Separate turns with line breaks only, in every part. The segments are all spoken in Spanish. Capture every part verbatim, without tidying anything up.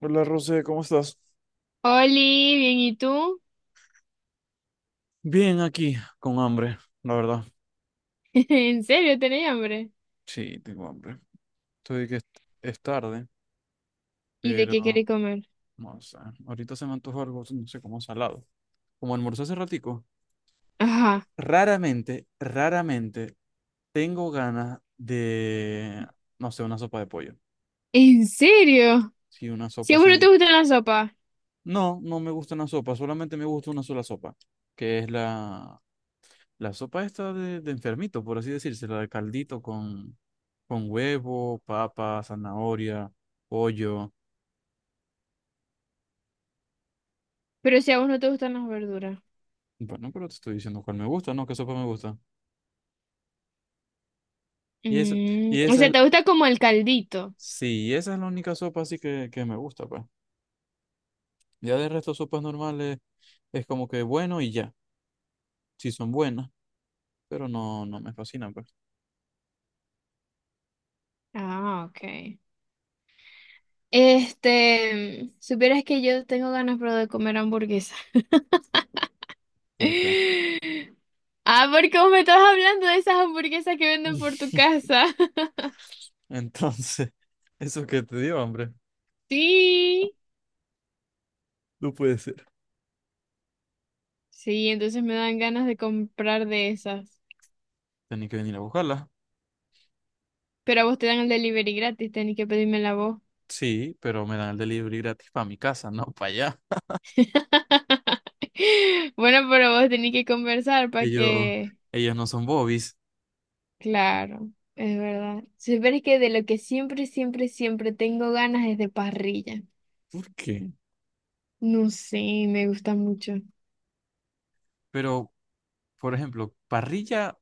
Hola, Rosé, ¿cómo estás?
Oli, bien, ¿y tú?
Bien aquí, con hambre, la verdad.
¿En serio tenés hambre?
Sí, tengo hambre. Estoy que es, es tarde,
¿Y de qué
pero
querés comer?
no sé. Ahorita se me antoja algo, no sé, como salado. Como almorcé hace ratico,
Ajá,
raramente, raramente tengo ganas de, no sé, una sopa de pollo.
¿en serio?
Sí, una
Si
sopa
a vos no te
así.
gustan las sopas,
No, no me gusta una sopa, solamente me gusta una sola sopa, que es la, la sopa esta de, de enfermito, por así decirse, la de caldito con, con huevo, papa, zanahoria, pollo.
pero si a vos no te gustan las verduras.
Bueno, pero te estoy diciendo cuál me gusta, ¿no? ¿Qué sopa me gusta? Y esa,
Mm,
y
o
esa
sea,
es,
te gusta como el caldito.
sí, esa es la única sopa así que, que me gusta, pues. Ya de resto, sopas normales es como que bueno y ya, sí son buenas, pero no, no me fascinan, pues.
Ah, ok. Este, mm, supieras que yo tengo ganas, pero de comer hamburguesa.
¿Por qué?
Ah, porque vos me estás hablando de esas hamburguesas que venden por tu casa.
Entonces, eso que te dio, hombre.
Sí.
No puede ser.
Sí, entonces me dan ganas de comprar de esas.
Tenía que venir a buscarla.
Pero a vos te dan el delivery gratis, tenés que pedírmela a vos.
Sí, pero me dan el delivery gratis para mi casa, no para allá.
Bueno, pero vos tenés que conversar para
Ellos,
que...
ellos no son bobis.
Claro, es verdad. Si es que de lo que siempre, siempre, siempre tengo ganas es de parrilla.
¿Por qué?
No sé, me gusta mucho.
Pero, por ejemplo, parrilla,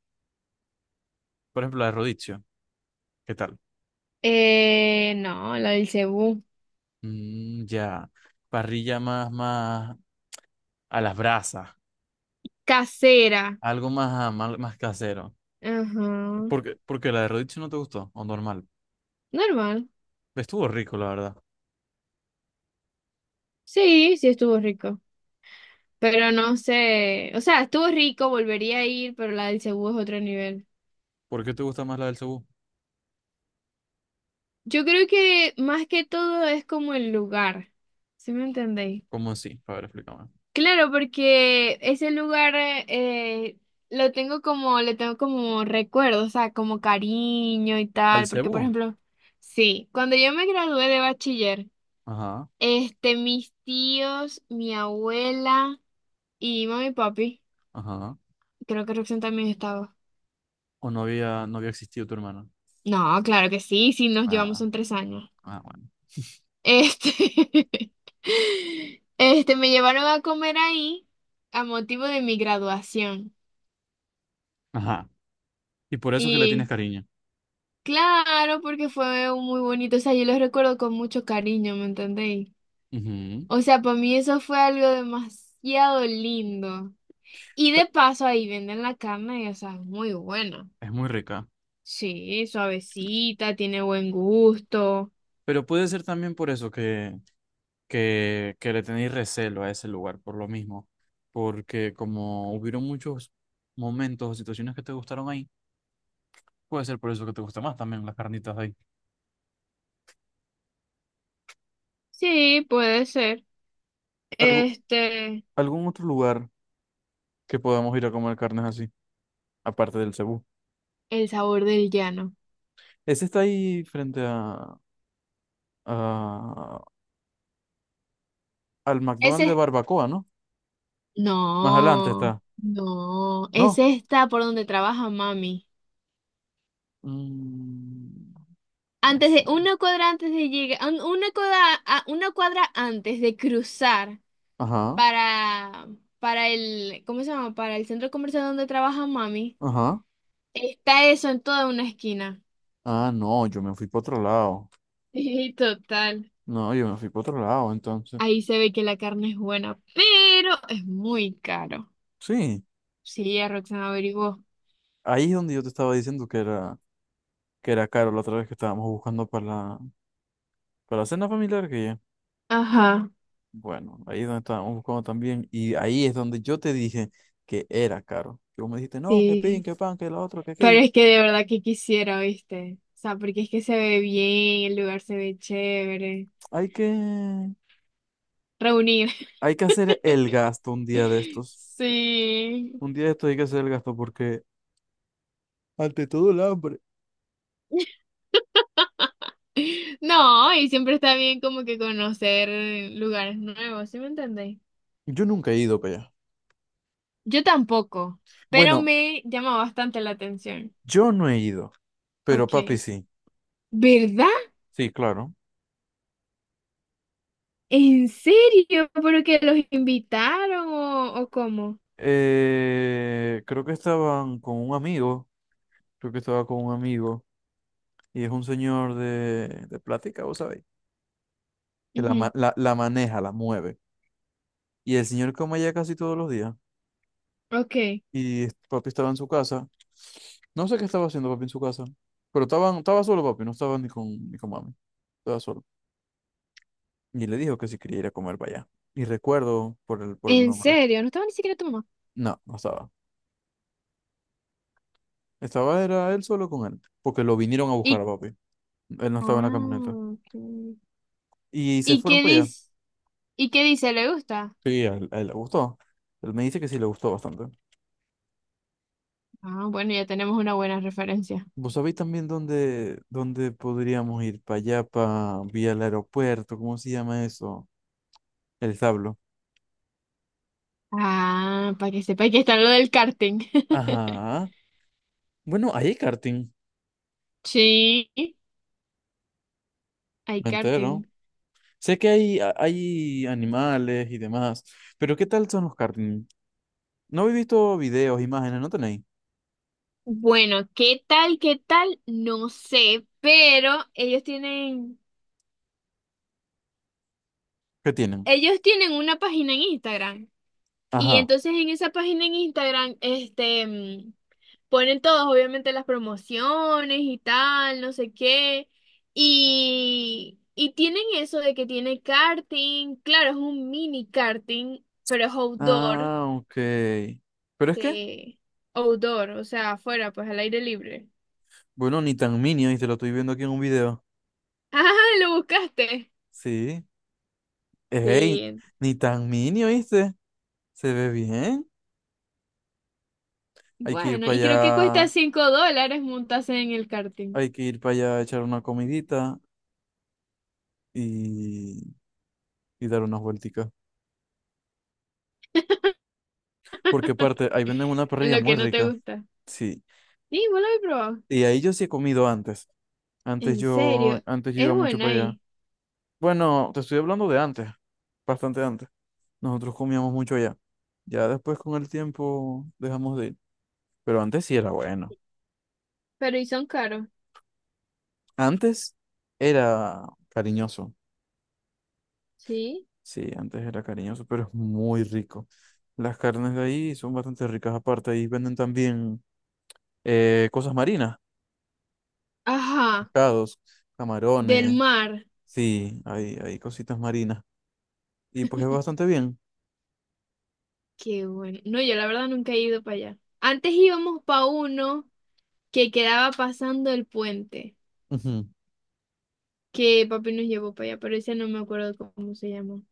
por ejemplo, la de Rodicio, ¿qué tal?
Eh, no, la del Cebú.
Mm, ya, parrilla más, más a las brasas,
Casera.
algo más, más, más casero.
Ajá.
Porque, porque la de Rodicio no te gustó, o normal.
Normal.
Estuvo rico, la verdad.
Sí, sí estuvo rico. Pero no sé, o sea, estuvo rico, volvería a ir, pero la del Cebú es otro nivel.
¿Por qué te gusta más la del Cebú?
Yo creo que más que todo es como el lugar, ¿sí me entendéis?
¿Cómo así? A ver, explícame.
Claro, porque ese lugar eh, lo tengo como, le tengo como recuerdo, o sea, como cariño y
¿Al
tal, porque por
Cebú?
ejemplo, sí, cuando yo me gradué de bachiller,
Ajá,
este, mis tíos, mi abuela y mami y papi,
ajá.
creo que Roxanne también estaba.
¿O no había, no había existido tu hermano?
No, claro que sí, sí, nos llevamos
Ah,
son tres años.
ah, bueno.
Este, este, me llevaron a comer ahí a motivo de mi graduación.
Ajá. Y por eso que le tienes
Y
cariño.
claro, porque fue un muy bonito, o sea, yo los recuerdo con mucho cariño, ¿me entendéis?
Ujú.
O sea, para mí eso fue algo demasiado lindo. Y de paso ahí venden la carne, y, o sea, es muy buena.
Es muy rica.
Sí, suavecita, tiene buen gusto.
Pero puede ser también por eso que, que, que le tenéis recelo a ese lugar, por lo mismo. Porque como hubieron muchos momentos o situaciones que te gustaron ahí, puede ser por eso que te gusta más también las carnitas de ahí.
Sí, puede ser.
¿Algo,
Este,
algún otro lugar que podamos ir a comer carnes así, aparte del Cebú?
el sabor del llano.
Ese está ahí frente a, a- al McDonald's de
Ese
Barbacoa, ¿no? Más adelante
No,
está.
no, es
¿No?
esta por donde trabaja mami.
Mm, me
Antes de,
suena.
una cuadra antes de llegar, un- una cuadra, a- una cuadra antes de cruzar
Ajá,
para, para el, ¿cómo se llama? Para el centro comercial donde trabaja mami,
ajá.
está eso en toda una esquina.
Ah, no, yo me fui para otro lado.
Sí, total.
No, yo me fui para otro lado, entonces.
Ahí se ve que la carne es buena, pero es muy caro.
Sí,
Sí, ya Roxana averiguó.
ahí es donde yo te estaba diciendo que era, que era caro la otra vez que estábamos buscando para la, para la cena familiar que ya.
Ajá,
Bueno, ahí es donde estábamos buscando también. Y ahí es donde yo te dije que era caro. Que vos me dijiste, no, que pin,
sí.
que pan, que lo otro que
Pero
aquello.
es que de verdad que quisiera, ¿viste? O sea, porque es que se ve bien, el lugar se ve chévere.
Hay que,
Reunir.
hay que hacer el gasto un día de estos.
Sí.
Un día de estos hay que hacer el gasto porque ante todo el hambre.
No, y siempre está bien como que conocer lugares nuevos, ¿sí me entendéis?
Yo nunca he ido para allá.
Yo tampoco, pero
Bueno,
me llama bastante la atención.
yo no he ido, pero papi
Ok.
sí.
¿Verdad?
Sí, claro.
¿En serio? ¿Pero que los invitaron o, o cómo?
Eh, creo que estaban con un amigo, creo que estaba con un amigo, y es un señor de, de plática, vos sabéis, que la, ma-
Ujú.
la, la maneja, la mueve. Y el señor come allá casi todos los días,
Ok.
y es- papi estaba en su casa. No sé qué estaba haciendo papi en su casa, pero estaban, estaba solo papi, no estaba ni con, ni con mami, estaba solo. Y le dijo que si quería ir a comer para allá. Y recuerdo por el, por el
¿En
nombre.
serio? No estaba ni siquiera tu mamá.
No, no estaba. Estaba era él solo con él, porque lo vinieron a
y
buscar a papi. Él no estaba en la camioneta.
Ah, ok.
Y se
¿Y
fueron
qué
para allá.
dice? ¿Y qué dice? ¿Le gusta?
Sí, a él, a él le gustó. Él me dice que sí le gustó bastante.
Ah, bueno, ya tenemos una buena referencia.
¿Vos sabéis también dónde, dónde podríamos ir? Para allá, para vía el aeropuerto, ¿cómo se llama eso? El establo.
Ah, para que sepa que está lo del karting.
Ajá. Bueno, ahí hay karting.
Sí, hay
Me entero.
karting.
Sé que hay, a- hay animales y demás, pero ¿qué tal son los karting? No he visto videos, imágenes, ¿no tenéis?
Bueno, ¿qué tal? ¿Qué tal? No sé, pero ellos tienen,
¿Qué tienen?
ellos tienen una página en Instagram. Y
Ajá.
entonces en esa página en Instagram, este, mm, ponen todos, obviamente, las promociones y tal, no sé qué. Y, y tienen eso de que tiene karting, claro, es un mini karting, pero es outdoor,
Ah, ok. Pero es que,
que- outdoor, o sea, afuera, pues al aire libre.
bueno, ni tan mini, ¿viste? Lo estoy viendo aquí en un video.
Ah, lo buscaste.
Sí. Ey,
Sí,
ni tan mini, ¿viste? Se ve bien. Hay que ir
bueno,
para
y creo que cuesta
allá,
cinco dólares montarse en el karting,
hay que ir para allá a echar una comidita y, y dar unas vuelticas. Porque aparte, ahí venden una
en
parrilla
lo
muy
que no te
rica.
gusta.
Sí.
Sí, vos lo habéis probado.
Y ahí yo sí he comido antes. Antes
En
yo,
serio,
antes yo
es
iba mucho
buena
para allá.
ahí,
Bueno, te estoy hablando de antes, bastante antes. Nosotros comíamos mucho allá. Ya después con el tiempo dejamos de ir. Pero antes sí era bueno.
pero y son caros.
Antes era cariñoso.
¿Sí?
Sí, antes era cariñoso, pero es muy rico. Las carnes de ahí son bastante ricas. Aparte, ahí venden también eh, cosas marinas,
Ajá,
pescados,
del
camarones.
mar.
Sí, hay, hay cositas marinas. Y pues es bastante bien.
Qué bueno. No, yo la verdad nunca he ido para allá. Antes íbamos para uno que quedaba pasando el puente,
Ujú.
que papi nos llevó para allá, pero ese no me acuerdo cómo se llamó,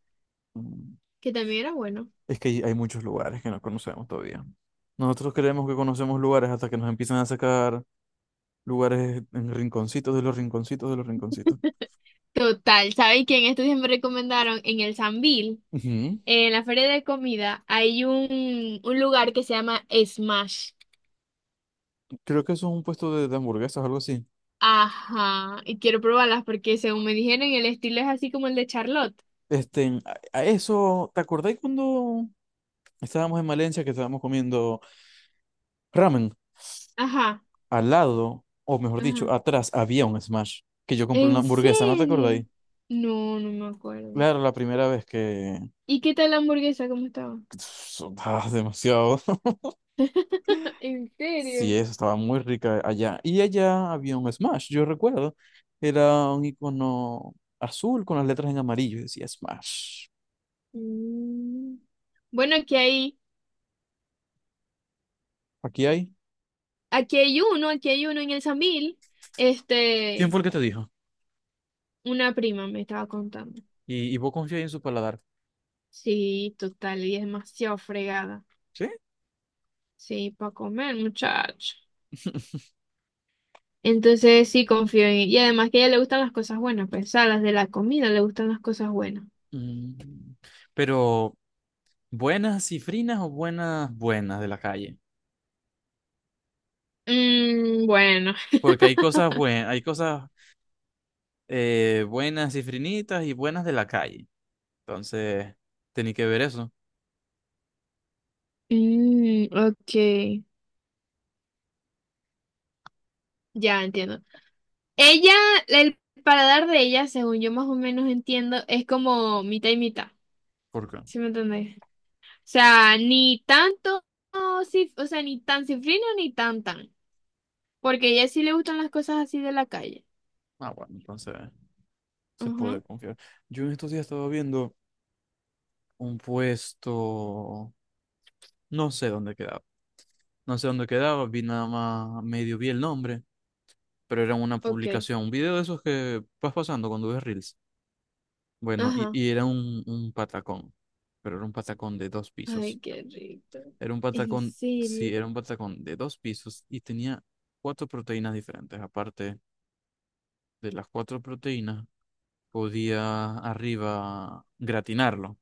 Mm,
que también era bueno.
es que hay hay muchos lugares que no conocemos todavía. Nosotros creemos que conocemos lugares hasta que nos empiezan a sacar lugares en rinconcitos de los rinconcitos de los rinconcitos.
Total, ¿sabes quién? Estos días me recomendaron en el Sambil,
Ujú.
en la feria de comida, hay un, un lugar que se llama Smash.
Creo que eso es un puesto de, de hamburguesas o algo así.
Ajá, y quiero probarlas porque según me dijeron, el estilo es así como el de Charlotte.
Este, en- a, a eso, ¿te acordáis cuando estábamos en Valencia que estábamos comiendo ramen?
Ajá,
Al lado, o mejor
ajá.
dicho, atrás había un Smash que yo compré una
¿En
hamburguesa, ¿no te
serio?
acordáis?
No, no me acuerdo.
Claro, la primera vez que...
¿Y qué tal la hamburguesa? ¿Cómo estaba?
Ah, demasiado.
¿En
Sí,
serio?
eso estaba muy rica allá. Y allá había un Smash, yo recuerdo. Era un icono azul con las letras en amarillo y decía Smash.
Mm. Bueno, aquí hay,
Aquí hay.
aquí hay uno, aquí hay uno en el Sambil.
¿Quién fue
Este,
el que te dijo?
una prima me estaba contando.
Y, y vos confiáis en su paladar.
Sí, total, y es demasiado fregada.
Sí,
Sí, para comer, muchacho. Entonces sí confío en ella. Y además que a ella le gustan las cosas buenas, pues, o sea, las de la comida le gustan las cosas buenas.
mm, pero buenas cifrinas o buenas buenas de la calle.
Mm, bueno.
Porque hay cosas buenas, hay cosas eh, buenas cifrinitas y buenas de la calle. Entonces, tenía que ver eso.
Mm, ok. Ya entiendo. Ella, el paladar de ella, según yo más o menos entiendo, es como mitad y mitad.
¿Por qué?
¿Sí me entendés? O sea, ni tanto, cif- o sea, ni tan cifrino ni tan tan. Porque a ella sí le gustan las cosas así de la calle.
Ah, bueno, entonces se puede
Ajá.
confiar. Yo en estos días estaba viendo un puesto, no sé dónde quedaba. No sé dónde quedaba, vi nada más, medio vi el nombre, pero era una
Ok.
publicación, un video de esos que vas pasando cuando ves Reels. Bueno, y,
Ajá.
y era un, un patacón, pero era un patacón de dos pisos.
Ay, qué rico.
Era un
En
patacón,
serio.
sí, era un patacón de dos pisos y tenía cuatro proteínas diferentes. Aparte de las cuatro proteínas, podía arriba gratinarlo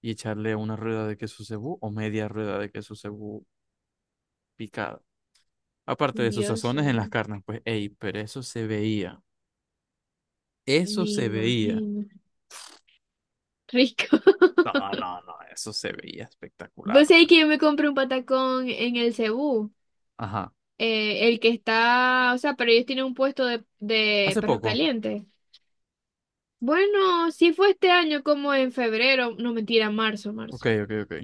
y echarle una rueda de queso cebú o media rueda de queso cebú picada. Aparte de sus
Dios
sazones en las
mío.
carnes, pues, ey, pero eso se veía. Eso
Me
se veía.
imagino. Rico.
No, no, no, eso se veía espectacular.
Vos
O
sabés
sea,
que yo me compré un patacón en el Cebú.
ajá.
eh, el que está, o sea, pero ellos tienen un puesto de, de
Hace
perros
poco.
calientes. Bueno, sí fue este año como en febrero, no mentira, marzo,
Ok,
marzo,
ok, ok.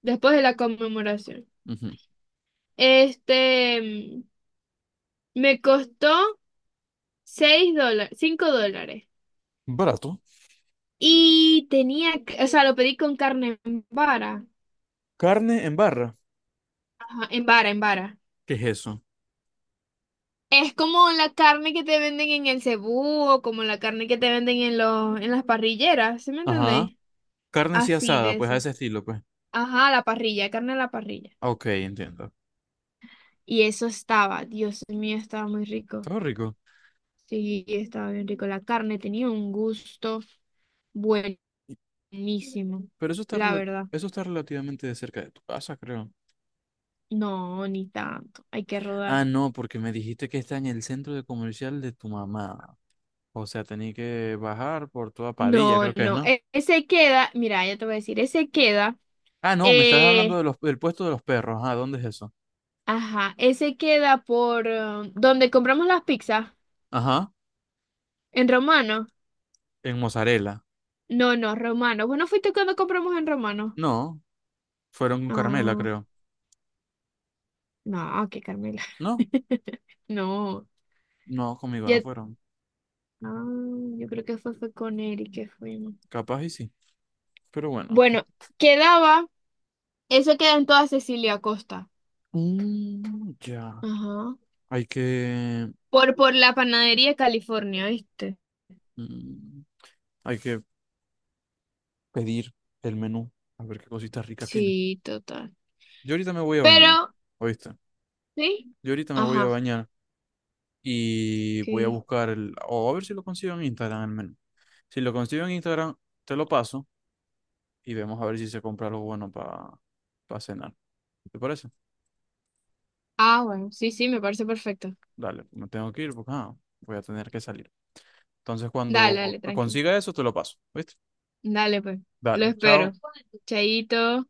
después de la conmemoración.
Ujú.
Este, mm, me costó seis dólares, cinco dólares.
Barato.
Y tenía, c- o sea, lo pedí con carne en vara.
Carne en barra.
Ajá, en vara, en vara.
¿Qué es eso?
Es como la carne que te venden en el Cebú o como la carne que te venden en los, en las parrilleras, ¿sí me
Ajá.
entendéis?
Carne así
Así de
asada, pues a
esa.
ese estilo, pues.
Ajá, la parrilla, carne a la parrilla.
Ah, ok, entiendo.
Y eso estaba, Dios mío, estaba muy rico.
Está rico.
Sí, estaba bien rico. La carne tenía un gusto buenísimo,
Y- Pero eso está,
la
rela-
verdad.
eso está relativamente de cerca de tu casa, creo.
No, ni tanto, hay que
Ah,
rodar.
no, porque me dijiste que está en el centro de comercial de tu mamá. O sea, tenía que bajar por toda Padilla,
No,
creo que es,
no,
¿no?
e- ese queda, mira, ya te voy a decir, ese queda.
Ah, no, me estás hablando de
Eh.
los, del puesto de los perros. Ah, ¿dónde es eso?
Ajá, ese queda por eh, donde compramos las pizzas,
Ajá.
en Romano.
En Mozzarella.
No, no, Romano. Bueno, fuiste cuando compramos en Romano.
No, fueron con Carmela,
Ah,
creo.
no, que Carmela.
No,
No,
no, conmigo no
ya.
fueron.
Ah, yo creo que fue, fue con Eric que fuimos.
Capaz y sí. Pero bueno.
Bueno, quedaba, eso queda en toda Cecilia Costa.
Mm, ya.
Ajá.
Hay que,
Por, por la panadería California, ¿viste?
mm, hay que pedir el menú a ver qué cositas ricas tiene.
Sí, total.
Yo ahorita me voy a
Pero,
bañar, ¿oíste?
¿sí?
Yo ahorita me voy a
Ajá,
bañar y
ok.
voy a buscar el, o a ver si lo consigo en Instagram el menú. Si lo consigo en Instagram, te lo paso y vemos a ver si se compra algo bueno para cenar. ¿Te parece?
Ah, bueno, sí, sí, me parece perfecto.
Dale, me tengo que ir porque ah, voy a tener que salir. Entonces,
Dale, dale,
cuando
tranquilo.
consiga eso, te lo paso, ¿viste?
Dale, pues. Lo
Dale,
espero.
chao.
Chaito.